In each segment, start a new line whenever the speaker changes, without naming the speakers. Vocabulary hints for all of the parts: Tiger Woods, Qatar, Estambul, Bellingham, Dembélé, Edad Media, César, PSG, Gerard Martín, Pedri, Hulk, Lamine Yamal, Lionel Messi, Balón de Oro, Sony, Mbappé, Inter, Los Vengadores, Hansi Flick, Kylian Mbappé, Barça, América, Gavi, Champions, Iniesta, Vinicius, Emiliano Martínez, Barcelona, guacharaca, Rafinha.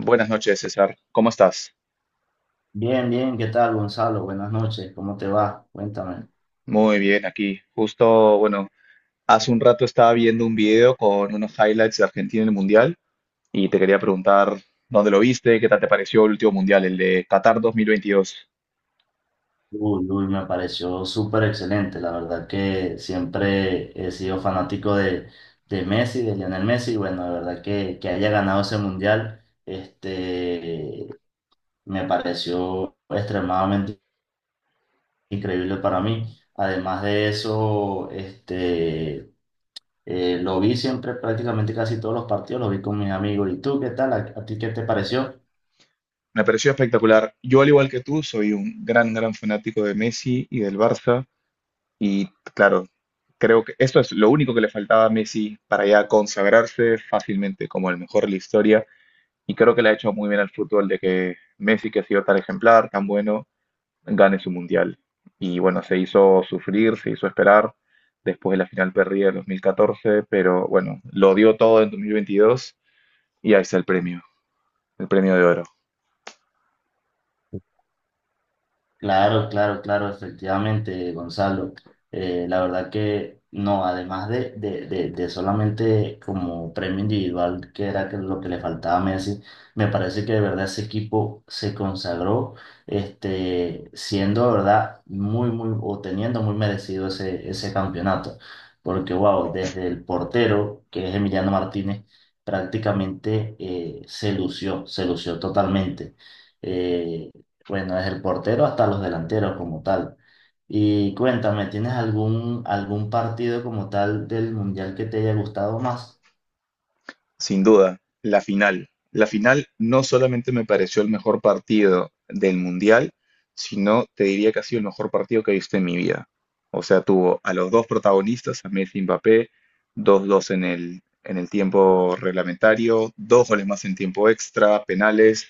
Buenas noches, César. ¿Cómo estás?
Bien, bien, ¿qué tal, Gonzalo? Buenas noches, ¿cómo te va? Cuéntame.
Muy bien, aquí. Justo, bueno, hace un rato estaba viendo un video con unos highlights de Argentina en el Mundial y te quería preguntar dónde lo viste, qué tal te pareció el último Mundial, el de Qatar 2022.
Uy, uy, me pareció súper excelente, la verdad que siempre he sido fanático de Messi, de Lionel Messi, y bueno, la verdad que haya ganado ese mundial, me pareció extremadamente increíble para mí. Además de eso, lo vi siempre, prácticamente casi todos los partidos, lo vi con mis amigos. ¿Y tú qué tal? ¿A ti qué te pareció?
Me pareció espectacular. Yo, al igual que tú, soy un gran fanático de Messi y del Barça y, claro, creo que esto es lo único que le faltaba a Messi para ya consagrarse fácilmente como el mejor de la historia. Y creo que le ha hecho muy bien al fútbol de que Messi, que ha sido tan ejemplar, tan bueno, gane su mundial. Y bueno, se hizo sufrir, se hizo esperar después de la final perdida en 2014, pero bueno, lo dio todo en 2022 y ahí está el premio de oro.
Claro, claro, claro, efectivamente, Gonzalo. La verdad que no, además de solamente como premio individual, que era que lo que le faltaba a Messi, me parece que de verdad ese equipo se consagró, siendo de verdad muy, muy, o teniendo muy merecido ese campeonato. Porque, wow, desde el portero, que es Emiliano Martínez, prácticamente se lució totalmente. Eh, bueno, es el portero hasta los delanteros como tal. Y cuéntame, ¿tienes algún partido como tal del Mundial que te haya gustado más?
Sin duda, la final. La final no solamente me pareció el mejor partido del Mundial, sino te diría que ha sido el mejor partido que he visto en mi vida. O sea, tuvo a los dos protagonistas, a Messi y Mbappé, dos 2 en el tiempo reglamentario, dos goles más en tiempo extra, penales,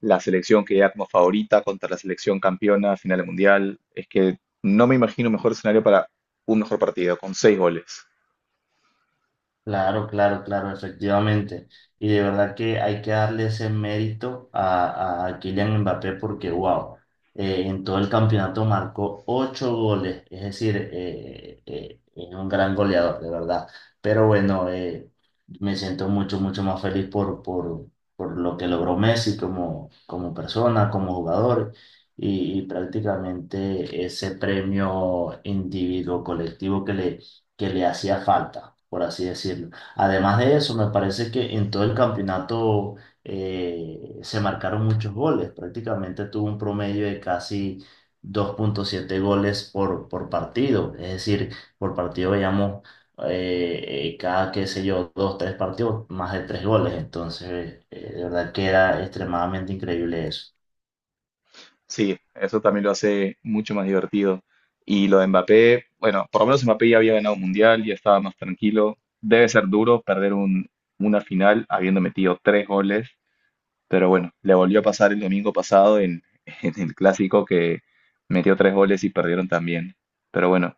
la selección que ya como favorita contra la selección campeona, final del Mundial. Es que no me imagino mejor escenario para un mejor partido, con seis goles.
Claro, claro, claro, efectivamente. Y de verdad que hay que darle ese mérito a Kylian Mbappé porque, wow, en todo el campeonato marcó ocho goles, es decir, es un gran goleador, de verdad. Pero bueno, me siento mucho, mucho más feliz por lo que logró Messi como, como persona, como jugador y prácticamente ese premio individuo colectivo que le hacía falta, por así decirlo. Además de eso, me parece que en todo el campeonato se marcaron muchos goles, prácticamente tuvo un promedio de casi 2,7 goles por partido, es decir, por partido veíamos cada, qué sé yo, dos, tres partidos, más de tres goles, entonces de verdad que era extremadamente increíble eso.
Sí, eso también lo hace mucho más divertido. Y lo de Mbappé, bueno, por lo menos Mbappé ya había ganado un mundial, ya estaba más tranquilo. Debe ser duro perder una final habiendo metido tres goles, pero bueno, le volvió a pasar el domingo pasado en, en el clásico que metió tres goles y perdieron también. Pero bueno,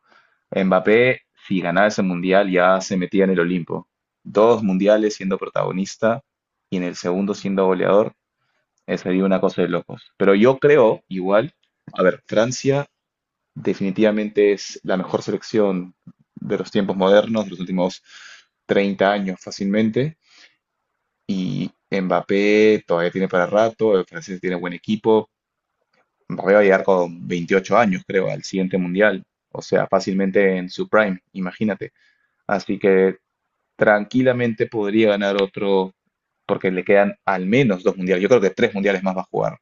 Mbappé, si ganaba ese mundial, ya se metía en el Olimpo. Dos mundiales siendo protagonista y en el segundo siendo goleador. Sería una cosa de locos. Pero yo creo, igual, a ver, Francia definitivamente es la mejor selección de los tiempos modernos, de los últimos 30 años fácilmente. Y Mbappé todavía tiene para rato, el francés tiene buen equipo. Mbappé va a llegar con 28 años, creo, al siguiente mundial. O sea, fácilmente en su prime, imagínate. Así que tranquilamente podría ganar otro, porque le quedan al menos dos mundiales. Yo creo que tres mundiales más va a jugar.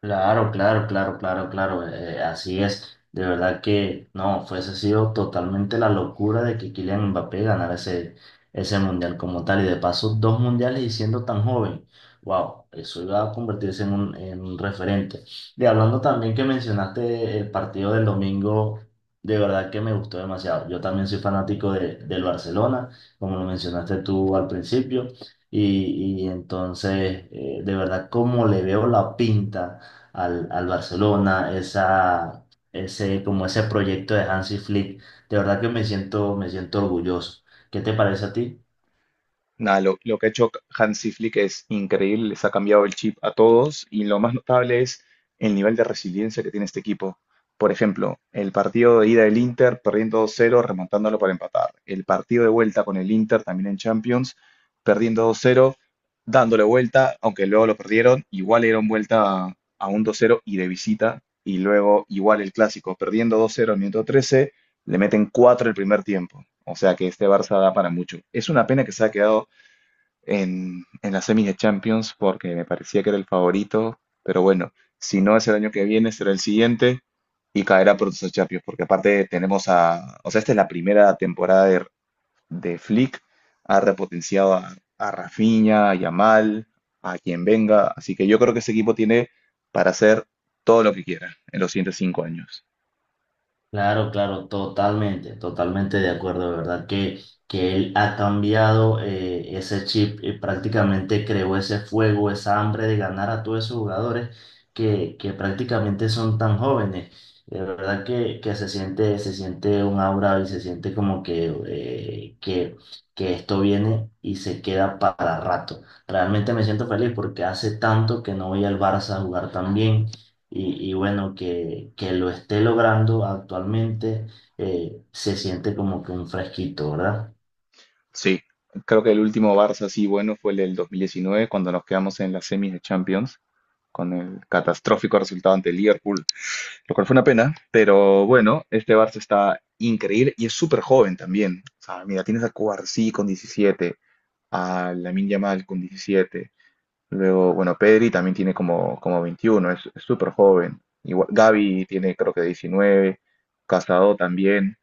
Claro, claro, claro, claro, claro, así es. De verdad que no, fuese sido totalmente la locura de que Kylian Mbappé ganara ese mundial como tal y de paso dos mundiales y siendo tan joven. Wow, eso iba a convertirse en un referente. Y hablando también que mencionaste el partido del domingo, de verdad que me gustó demasiado. Yo también soy fanático del Barcelona, como lo mencionaste tú al principio, y entonces, de verdad, como le veo la pinta al Barcelona, como ese proyecto de Hansi Flick. De verdad que me siento orgulloso. ¿Qué te parece a ti?
Nada, lo que ha hecho Hansi Flick es increíble, les ha cambiado el chip a todos y lo más notable es el nivel de resiliencia que tiene este equipo. Por ejemplo, el partido de ida del Inter perdiendo 2-0, remontándolo para empatar. El partido de vuelta con el Inter también en Champions, perdiendo 2-0, dándole vuelta, aunque luego lo perdieron, igual le dieron vuelta a un 2-0 y de visita. Y luego igual el clásico, perdiendo 2-0 al minuto 13, le meten 4 el primer tiempo. O sea que este Barça da para mucho. Es una pena que se ha quedado en las semis de Champions porque me parecía que era el favorito, pero bueno, si no es el año que viene, será el siguiente y caerá por sus Champions, porque aparte tenemos a, o sea, esta es la primera temporada de Flick, ha repotenciado a Rafinha, a Yamal, a quien venga, así que yo creo que ese equipo tiene para hacer todo lo que quiera en los siguientes 5 años.
Claro, claro, totalmente, totalmente de acuerdo, de verdad que él ha cambiado ese chip y prácticamente creó ese fuego, esa hambre de ganar a todos esos jugadores que prácticamente son tan jóvenes. De verdad que se siente un aura y se siente como que esto viene y se queda para rato. Realmente me siento feliz porque hace tanto que no voy al Barça a jugar tan bien y bueno, que lo esté logrando actualmente, se siente como que un fresquito, ¿verdad?
Sí, creo que el último Barça así bueno fue el del 2019, cuando nos quedamos en las semis de Champions, con el catastrófico resultado ante el Liverpool, lo cual fue una pena, pero bueno, este Barça está increíble y es súper joven también. O sea, mira, tienes a Cubarsí con 17, a Lamine Yamal con 17, luego, bueno, Pedri también tiene como, como 21, es súper joven. Igual, Gavi tiene creo que 19, Casado también,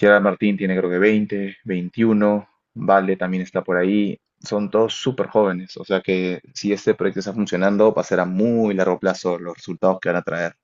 Gerard Martín tiene creo que 20, 21, Vale también está por ahí. Son todos súper jóvenes, o sea que si este proyecto está funcionando, va a ser a muy largo plazo los resultados que van a traer.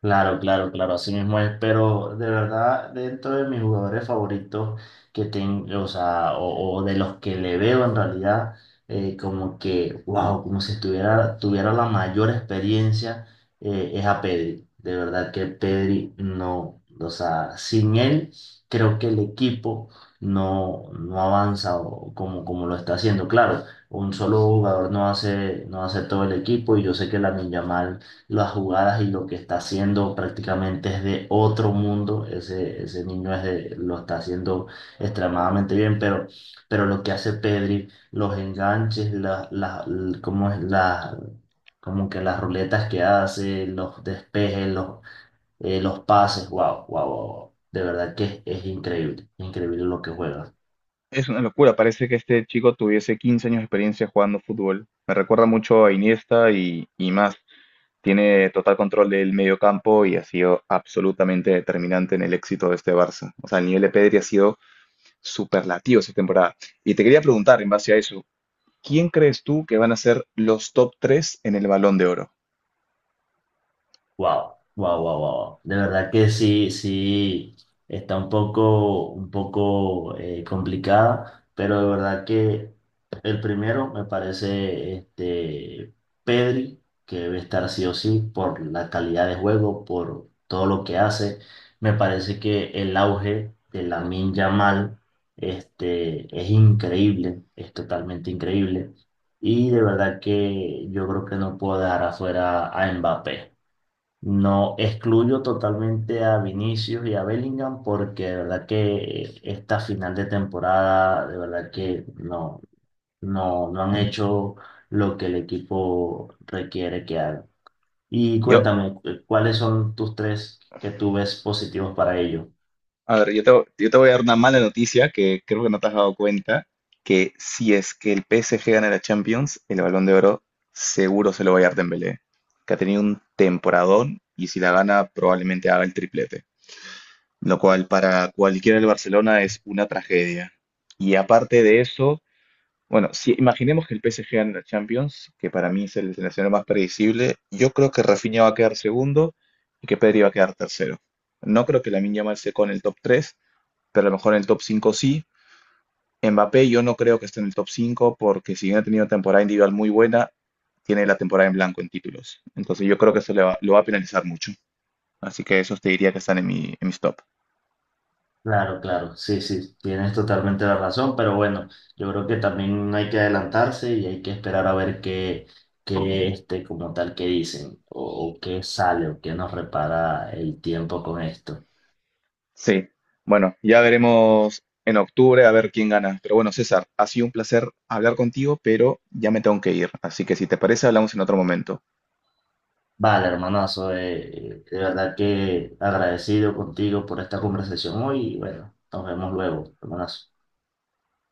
Claro, claro, claro, así mismo es, pero de verdad dentro de mis jugadores favoritos que tengo, o sea, o de los que le veo en realidad, como que, wow, como si estuviera, tuviera la mayor experiencia, es a Pedri. De verdad que Pedri no, o sea, sin él creo que el equipo no avanza o- como, como lo está haciendo. Claro, un solo jugador no hace, no hace todo el equipo y yo sé que la Yamal las jugadas y lo que está haciendo prácticamente es de otro mundo. Ese niño es de- lo está haciendo extremadamente bien, pero lo que hace Pedri, los enganches, la cómo es como que las ruletas que hace, los despejes, los pases, wow, wow, wow, wow. De verdad que es increíble, increíble lo que juega.
Es una locura, parece que este chico tuviese 15 años de experiencia jugando fútbol. Me recuerda mucho a Iniesta y más. Tiene total control del medio campo y ha sido absolutamente determinante en el éxito de este Barça. O sea, el nivel de Pedri ha sido superlativo esta temporada. Y te quería preguntar, en base a eso, ¿quién crees tú que van a ser los top 3 en el Balón de Oro?
Wow, wow, wow, wow. De verdad que sí, sí, está un poco complicada, pero de verdad que el primero me parece Pedri, que debe estar sí o sí por la calidad de juego, por todo lo que hace. Me parece que el auge de Lamine Yamal es increíble, es totalmente increíble. Y de verdad que yo creo que no puedo dejar afuera a Mbappé. No excluyo totalmente a Vinicius y a Bellingham porque de verdad que esta final de temporada, de verdad que no, no, no han hecho lo que el equipo requiere que hagan. Y
Yo,
cuéntame, ¿cuáles son tus tres que tú ves positivos para ellos?
a ver, yo te voy a dar una mala noticia que creo que no te has dado cuenta, que si es que el PSG gana la Champions, el Balón de Oro seguro se lo va a dar Dembélé, que ha tenido un temporadón y si la gana probablemente haga el triplete, lo cual para cualquiera del Barcelona es una tragedia. Y aparte de eso, bueno, si imaginemos que el PSG gana la Champions, que para mí es el seleccionador más predecible, yo creo que Rafinha va a quedar segundo y que Pedri va a quedar tercero. No creo que Lamine Yamal se con el top 3, pero a lo mejor en el top 5 sí. Mbappé yo no creo que esté en el top 5 porque si bien ha tenido una temporada individual muy buena, tiene la temporada en blanco en títulos. Entonces yo creo que eso lo va a penalizar mucho. Así que esos te diría que están en en mis top.
Claro, claro, sí, sí, tienes totalmente la razón, pero bueno, yo creo que también hay que adelantarse y hay que esperar a ver qué, como tal, qué dicen, o qué sale, o qué nos repara el tiempo con esto.
Sí, bueno, ya veremos en octubre a ver quién gana. Pero bueno, César, ha sido un placer hablar contigo, pero ya me tengo que ir. Así que si te parece, hablamos en otro momento.
Vale, hermanazo, de verdad que agradecido contigo por esta conversación hoy y bueno, nos vemos luego, hermanazo.